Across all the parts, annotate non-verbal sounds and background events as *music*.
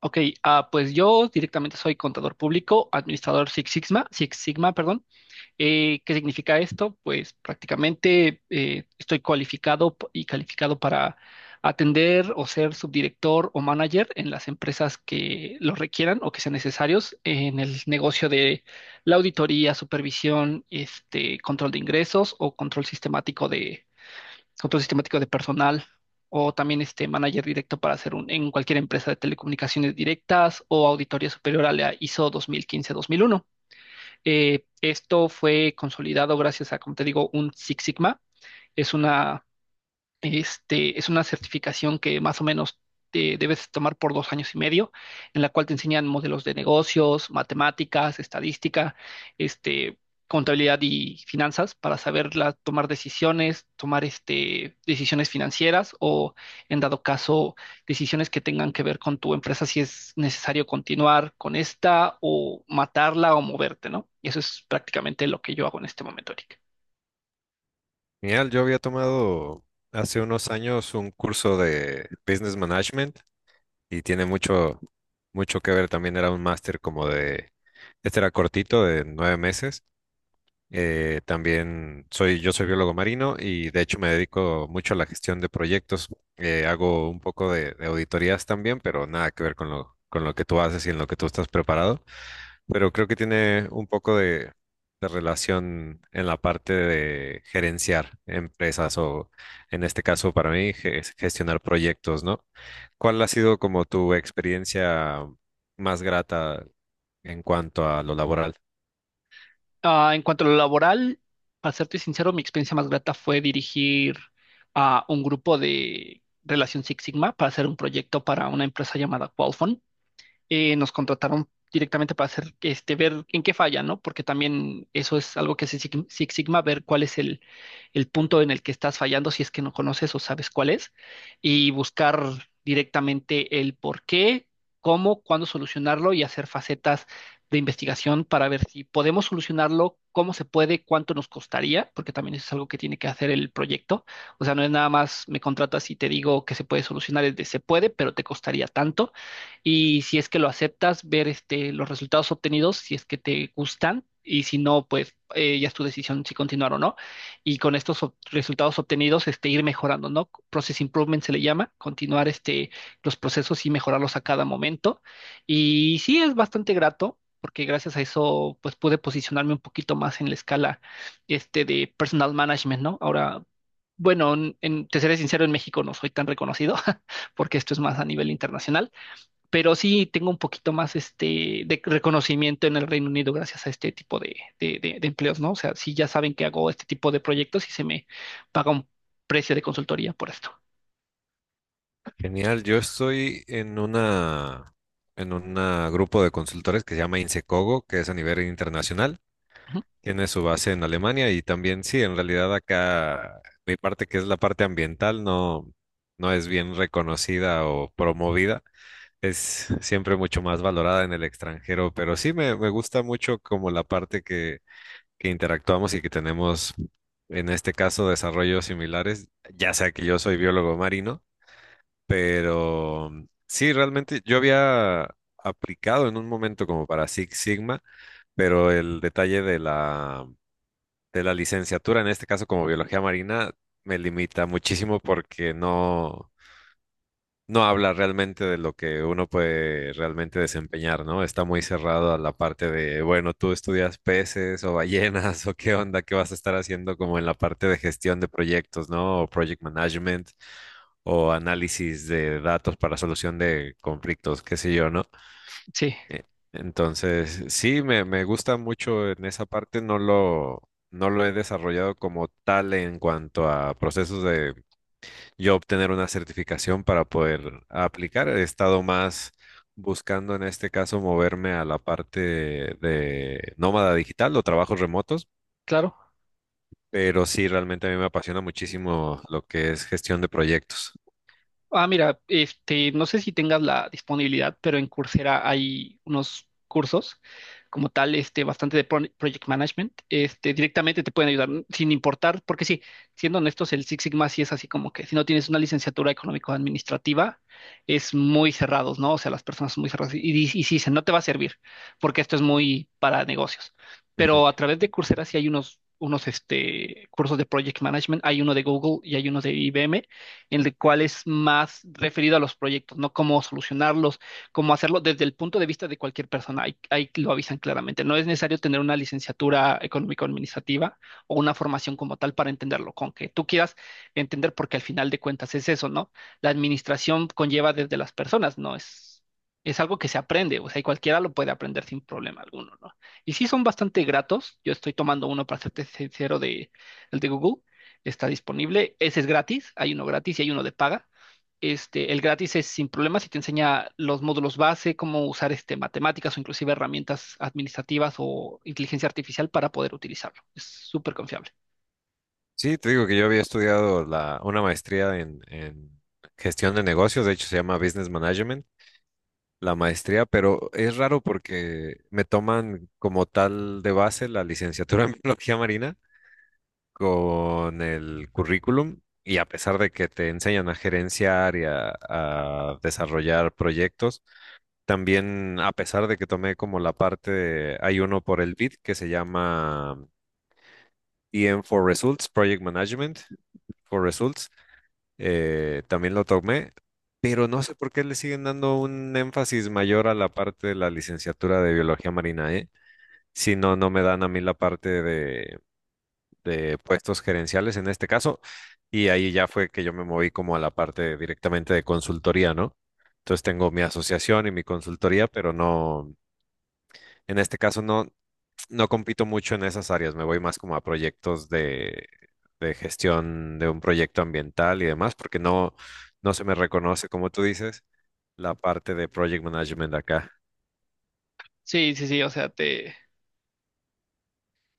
Ok, pues yo directamente soy contador público, administrador Six Sigma, Six Sigma, perdón. ¿Qué significa esto? Pues prácticamente estoy cualificado y calificado para atender o ser subdirector o manager en las empresas que lo requieran o que sean necesarios en el negocio de la auditoría, supervisión, este, control de ingresos o control sistemático de personal, o también este manager directo para hacer un, en cualquier empresa de telecomunicaciones directas o auditoría superior a la ISO 2015-2001. Esto fue consolidado gracias a, como te digo, un Six Sigma. Es una es una certificación que más o menos te debes tomar por 2 años y medio, en la cual te enseñan modelos de negocios, matemáticas, estadística, este, contabilidad y finanzas para saber tomar decisiones, tomar decisiones financieras o, en dado caso, decisiones que tengan que ver con tu empresa, si es necesario continuar con esta o matarla o moverte, ¿no? Y eso es prácticamente lo que yo hago en este momento, Eric. Genial, yo había tomado hace unos años un curso de Business Management y tiene mucho, mucho que ver. También era un máster como de, este era cortito, de 9 meses. También soy biólogo marino, y de hecho me dedico mucho a la gestión de proyectos. Hago un poco de auditorías también, pero nada que ver con lo que tú haces y en lo que tú estás preparado, pero creo que tiene un poco de relación en la parte de gerenciar empresas o, en este caso para mí, gestionar proyectos, ¿no? ¿Cuál ha sido como tu experiencia más grata en cuanto a lo laboral? Ah, en cuanto a lo laboral, para serte sincero, mi experiencia más grata fue dirigir a un grupo de Relación Six Sigma para hacer un proyecto para una empresa llamada Qualphone. Nos contrataron directamente para hacer, este, ver en qué falla, ¿no? Porque también eso es algo que Six Sigma, ver cuál es el punto en el que estás fallando, si es que no conoces o sabes cuál es, y buscar directamente el por qué, cómo, cuándo solucionarlo y hacer facetas de investigación para ver si podemos solucionarlo, cómo se puede, cuánto nos costaría, porque también eso es algo que tiene que hacer el proyecto. O sea, no es nada más me contratas y te digo que se puede solucionar, es de se puede, pero te costaría tanto, y si es que lo aceptas, ver este, los resultados obtenidos, si es que te gustan y si no, pues ya es tu decisión si continuar o no. Y con estos resultados obtenidos, este, ir mejorando, ¿no? Process improvement se le llama, continuar este, los procesos y mejorarlos a cada momento. Y sí es bastante grato, porque gracias a eso pues pude posicionarme un poquito más en la escala este de personal management, ¿no? Ahora, bueno, te seré sincero, en México no soy tan reconocido *laughs* porque esto es más a nivel internacional, pero sí tengo un poquito más este de reconocimiento en el Reino Unido gracias a este tipo de, de empleos, ¿no? O sea, sí ya saben que hago este tipo de proyectos y se me paga un precio de consultoría por esto. Genial, yo estoy en una en un grupo de consultores que se llama Insecogo, que es a nivel internacional. Ujú. Tiene su base en Alemania y también sí, en realidad acá mi parte, que es la parte ambiental, no es bien reconocida o promovida, es siempre mucho más valorada en el extranjero, pero sí me gusta mucho como la parte que interactuamos y que tenemos en este caso desarrollos similares, ya sea que yo soy biólogo marino, pero sí, realmente yo había aplicado en un momento como para Six Sigma, pero el detalle de la licenciatura, en este caso como biología marina, me limita muchísimo porque no habla realmente de lo que uno puede realmente desempeñar, ¿no? Está muy cerrado a la parte de, bueno, tú estudias peces o ballenas *laughs* o qué onda, qué vas a estar haciendo como en la parte de gestión de proyectos, ¿no? O project management o análisis de datos para solución de conflictos, qué sé yo, ¿no? Sí, Eh, Entonces, sí, me gusta mucho en esa parte, no lo he desarrollado como tal en cuanto a procesos de yo obtener una certificación para poder aplicar. He estado más buscando en este caso moverme a la parte de nómada digital o trabajos remotos, claro. pero sí, realmente a mí me apasiona muchísimo lo que es gestión de proyectos. Ah, mira, este, no sé si tengas la disponibilidad, pero en Coursera hay unos cursos como tal, este, bastante de project management, este, directamente te pueden ayudar sin importar, porque sí, siendo honestos, el Six Sigma sí es así como que si no tienes una licenciatura económico-administrativa, es muy cerrados, ¿no? O sea, las personas son muy cerradas y, y sí dicen, no te va a servir, porque esto es muy para negocios. Ujú. Pero a través de Coursera sí hay unos cursos de project management, hay uno de Google y hay uno de IBM en el cual es más referido a los proyectos, ¿no? Cómo solucionarlos, cómo hacerlo desde el punto de vista de cualquier persona. Ahí lo avisan claramente. No es necesario tener una licenciatura económico-administrativa o una formación como tal para entenderlo, con que tú quieras entender, porque al final de cuentas es eso, ¿no? La administración conlleva desde las personas, no es es algo que se aprende, o sea, y cualquiera lo puede aprender sin problema alguno, ¿no? Y sí son bastante gratos, yo estoy tomando uno para serte sincero, de el de Google, está disponible. Ese es gratis, hay uno gratis y hay uno de paga. Este, el gratis es sin problemas y te enseña los módulos base, cómo usar este, matemáticas o inclusive herramientas administrativas o inteligencia artificial para poder utilizarlo. Es súper confiable. Sí, te digo que yo había estudiado una maestría en gestión de negocios, de hecho se llama Business Management, la maestría, pero es raro porque me toman como tal de base la licenciatura en *laughs* biología marina con el currículum, y a pesar de que te enseñan a gerenciar y a desarrollar proyectos, también a pesar de que tomé como la parte de, hay uno por el BID que se llama EM for Results, Project Management for Results, también lo tomé, pero no sé por qué le siguen dando un énfasis mayor a la parte de la licenciatura de biología marina, ¿eh? Si no, no me dan a mí la parte de puestos gerenciales en este caso, y ahí ya fue que yo me moví como a la parte directamente de consultoría, ¿no? Entonces tengo mi asociación y mi consultoría, pero no, en este caso no compito mucho en esas áreas, me voy más como a proyectos de gestión de un proyecto ambiental y demás, porque no se me reconoce, como tú dices, la parte de project management acá. Sí, sí, sí, o sea,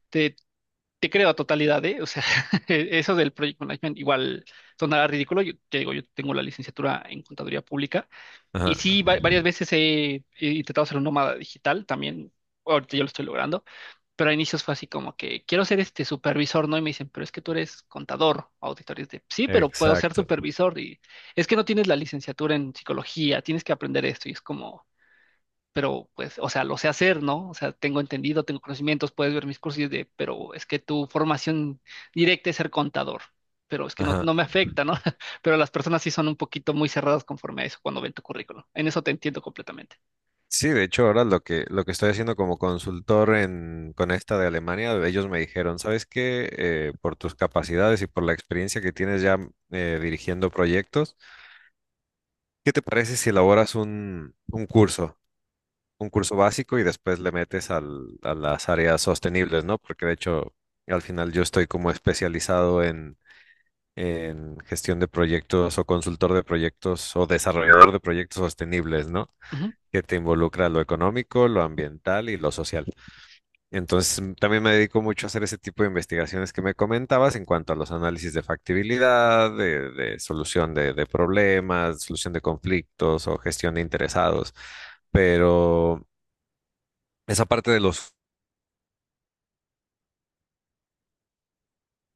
te, te creo a totalidad, ¿eh? O sea, *laughs* eso del Project Management igual sonará ridículo. Yo te digo, yo tengo la licenciatura en contaduría pública y Ajá, sí, varias veces he intentado ser un nómada digital también. Ahorita yo lo estoy logrando. Pero a inicios fue así como que quiero ser este supervisor, ¿no? Y me dicen, pero es que tú eres contador, auditor. Y es de, sí, pero puedo ser exacto. supervisor. Y es que no tienes la licenciatura en psicología, tienes que aprender esto. Y es como, pero pues, o sea, lo sé hacer, ¿no? O sea, tengo entendido, tengo conocimientos, puedes ver mis cursos y es de, pero es que tu formación directa es ser contador. Pero es que no, Ajá. no me afecta, ¿no? *laughs* Pero las personas sí son un poquito muy cerradas conforme a eso cuando ven tu currículum. En eso te entiendo completamente. Sí, de hecho, ahora lo que estoy haciendo como consultor con esta de Alemania, ellos me dijeron, ¿sabes qué? Por tus capacidades y por la experiencia que tienes ya, dirigiendo proyectos, ¿qué te parece si elaboras un curso? Un curso básico, y después le metes a las áreas sostenibles, ¿no? Porque de hecho, al final yo estoy como especializado en gestión de proyectos o consultor de proyectos o desarrollador de proyectos sostenibles, ¿no? Ujú, Que te involucra lo económico, lo ambiental y lo social. Entonces, también me dedico mucho a hacer ese tipo de investigaciones que me comentabas en cuanto a los análisis de factibilidad, de solución de problemas, solución de conflictos o gestión de interesados. Pero esa parte de los,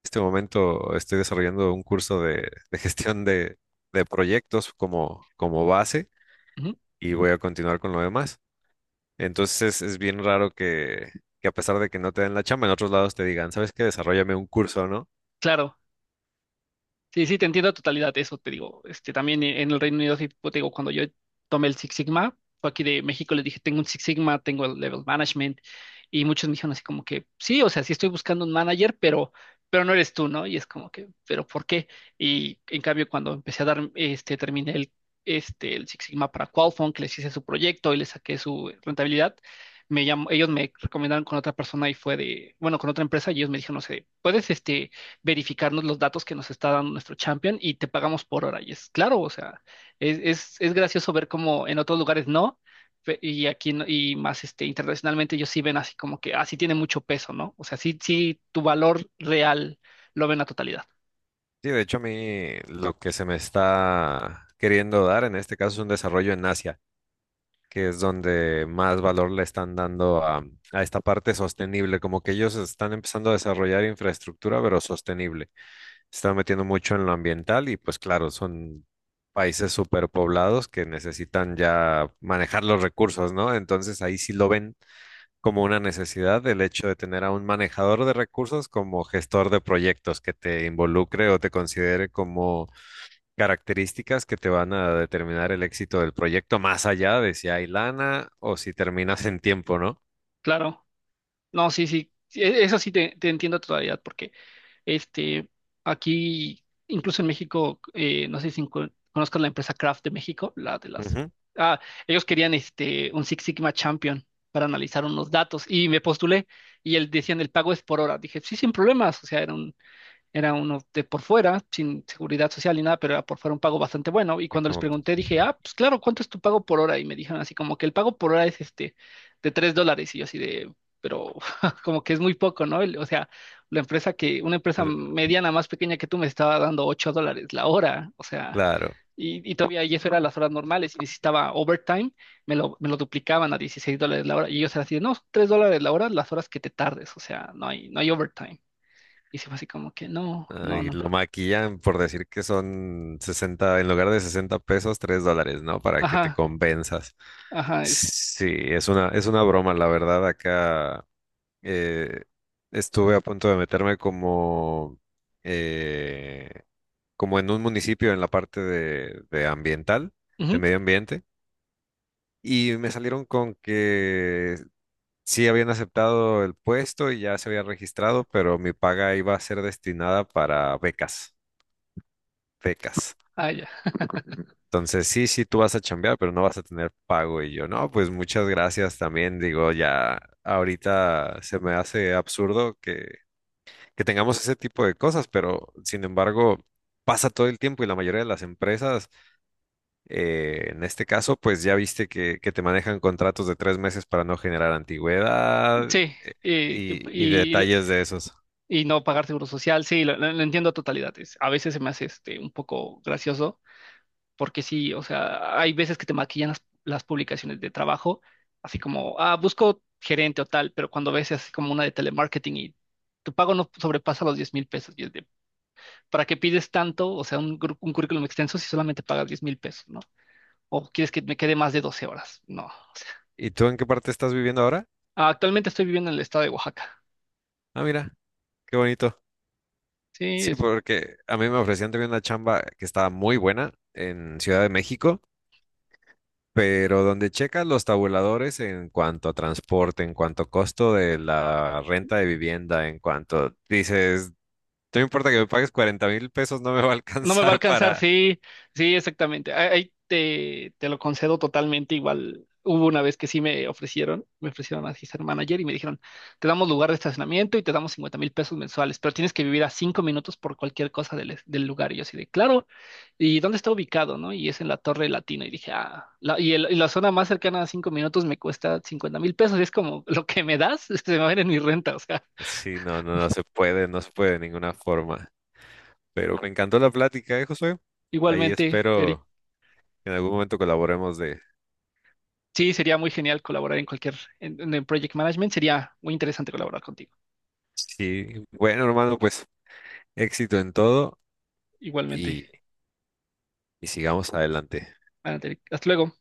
este momento estoy desarrollando un curso de gestión de proyectos como base, ujú. y voy a continuar con lo demás. Entonces es bien raro que a pesar de que no te den la chamba, en otros lados te digan, ¿sabes qué? Desarróllame un curso, ¿no? Claro. Sí, sí, te entiendo a totalidad, eso te digo. Este, también en el Reino Unido, sí, pues, te digo, cuando yo tomé el Six Sigma, fue aquí de México, les dije, tengo un Six Sigma, tengo el Level Management, y muchos me dijeron así como que, sí, o sea, sí estoy buscando un manager, pero no eres tú, ¿no? Y es como que, ¿pero por qué? Y en cambio, cuando empecé a dar, este, el Six Sigma para Qualphone, que les hice su proyecto y les saqué su rentabilidad, me llamó, ellos me recomendaron con otra persona y fue de, bueno, con otra empresa, y ellos me dijeron, no sé, puedes, este, verificarnos los datos que nos está dando nuestro champion y te pagamos por hora. Y es claro, o sea, es gracioso ver cómo en otros lugares no, y aquí no- y más este, internacionalmente ellos sí ven así como que, así tiene mucho peso, ¿no? O sea, sí, sí, tu valor real lo ven a totalidad. Sí, de hecho a mí lo que se me está queriendo dar en este caso es un desarrollo en Asia, que es donde más valor le están dando a esta parte sostenible, como que ellos están empezando a desarrollar infraestructura, pero sostenible. Se están metiendo mucho en lo ambiental y pues claro, son países superpoblados que necesitan ya manejar los recursos, ¿no? Entonces ahí sí lo ven como una necesidad el hecho de tener a un manejador de recursos como gestor de proyectos que te involucre o te considere como características que te van a determinar el éxito del proyecto más allá de si hay lana o si terminas en tiempo, ¿no? Claro, no, sí, sí, sí, eso sí te entiendo a totalidad, porque este, aquí, incluso en México, no sé si conozcas la empresa Kraft de México, la de las... Ujú, Ah, ellos querían este, un Six Sigma Champion para analizar unos datos y me postulé y él decían el pago es por hora. Dije, sí, sin problemas, o sea, era uno de por fuera, sin seguridad social ni nada, pero era por fuera un pago bastante bueno. Y sí, cuando les pregunté, dije, ah, pues claro, ¿cuánto es tu pago por hora? Y me dijeron así como que el pago por hora es este de 3 dólares. Y yo así de, pero *laughs* como que es muy poco, ¿no? O sea, la empresa que, una empresa eh, mediana más pequeña que tú me estaba dando 8 dólares la hora. O sea, claro. Y todavía y eso era las horas normales. Y necesitaba overtime, me lo duplicaban a 16 dólares la hora. Y ellos eran así de, no, 3 dólares la hora, las horas que te tardes. O sea, no hay overtime. Y se fue así como que, no, no, Ay, no, no. lo maquillan por decir que son 60 en lugar de 60 pesos, 3 dólares, ¿no? Para que te Ajá, convenzas. ajá, es... Sí, es una broma, la verdad. Acá eh, estuve a punto de meterme como, eh, como en un municipio en la parte de ambiental, de ujú, medio ambiente, y me salieron con que sí habían aceptado el puesto y ya se había registrado, pero mi paga iba a ser destinada para becas pecas. ah, ya. Entonces, sí, sí, tú vas a chambear, pero no vas a tener pago. Y yo, no, pues muchas gracias también. Digo, ya ahorita se me hace absurdo que tengamos ese tipo de cosas, pero sin embargo, pasa todo el tiempo y la mayoría de las empresas, en este caso, pues ya viste que te manejan contratos de 3 meses para no generar antigüedad Sí, eh, que- y y, lo- detalles de esos. y no pagar seguro social, sí, lo entiendo a totalidad. A veces se me hace este, un poco gracioso, porque sí, o sea, hay veces que te maquillan las publicaciones de trabajo, así como, ah, busco gerente o tal, pero cuando ves así como una de telemarketing y tu pago no sobrepasa los 10.000 pesos, y es de, ¿para qué pides tanto? O sea, un currículum extenso si solamente pagas 10.000 pesos, ¿no? ¿O quieres que me quede más de 12 horas? No. ¿Y tú en qué parte estás viviendo ahora? Actualmente estoy viviendo en el estado de Oaxaca. Ah, mira, qué bonito. Sí, Sí, porque a mí me ofrecían también una chamba que estaba muy buena en Ciudad de México, pero donde checas los tabuladores en cuanto a transporte, en cuanto a costo de la renta de vivienda, en cuanto dices, no importa que me pagues 40,000 pesos, no me va a no me va a alcanzar alcanzar, para. sí, sí, exactamente. Ahí te lo concedo totalmente. Igual hubo una vez que sí me ofrecieron así ser manager y me dijeron, te damos lugar de estacionamiento y te damos 50.000 pesos mensuales, pero tienes que vivir a 5 minutos por cualquier cosa del lugar. Y yo así de, claro, ¿y dónde está ubicado, no? Y es en la Torre Latina. Y dije, la zona más cercana a 5 minutos me cuesta 50.000 pesos. Y es como, lo que me das, *laughs* se me va a ir en mi renta. O sea, Sí, no, no, no se puede, no se puede de ninguna forma. Pero me encantó la plática, ¿eh, Josué? Ahí igualmente, Eric. espero que en algún momento colaboremos de. Sí, sería muy genial colaborar en cualquier, en el Project Management, sería muy interesante colaborar contigo. Sí, bueno, hermano, pues éxito en todo Igualmente, y, y sigamos adelante. Anate, hasta luego.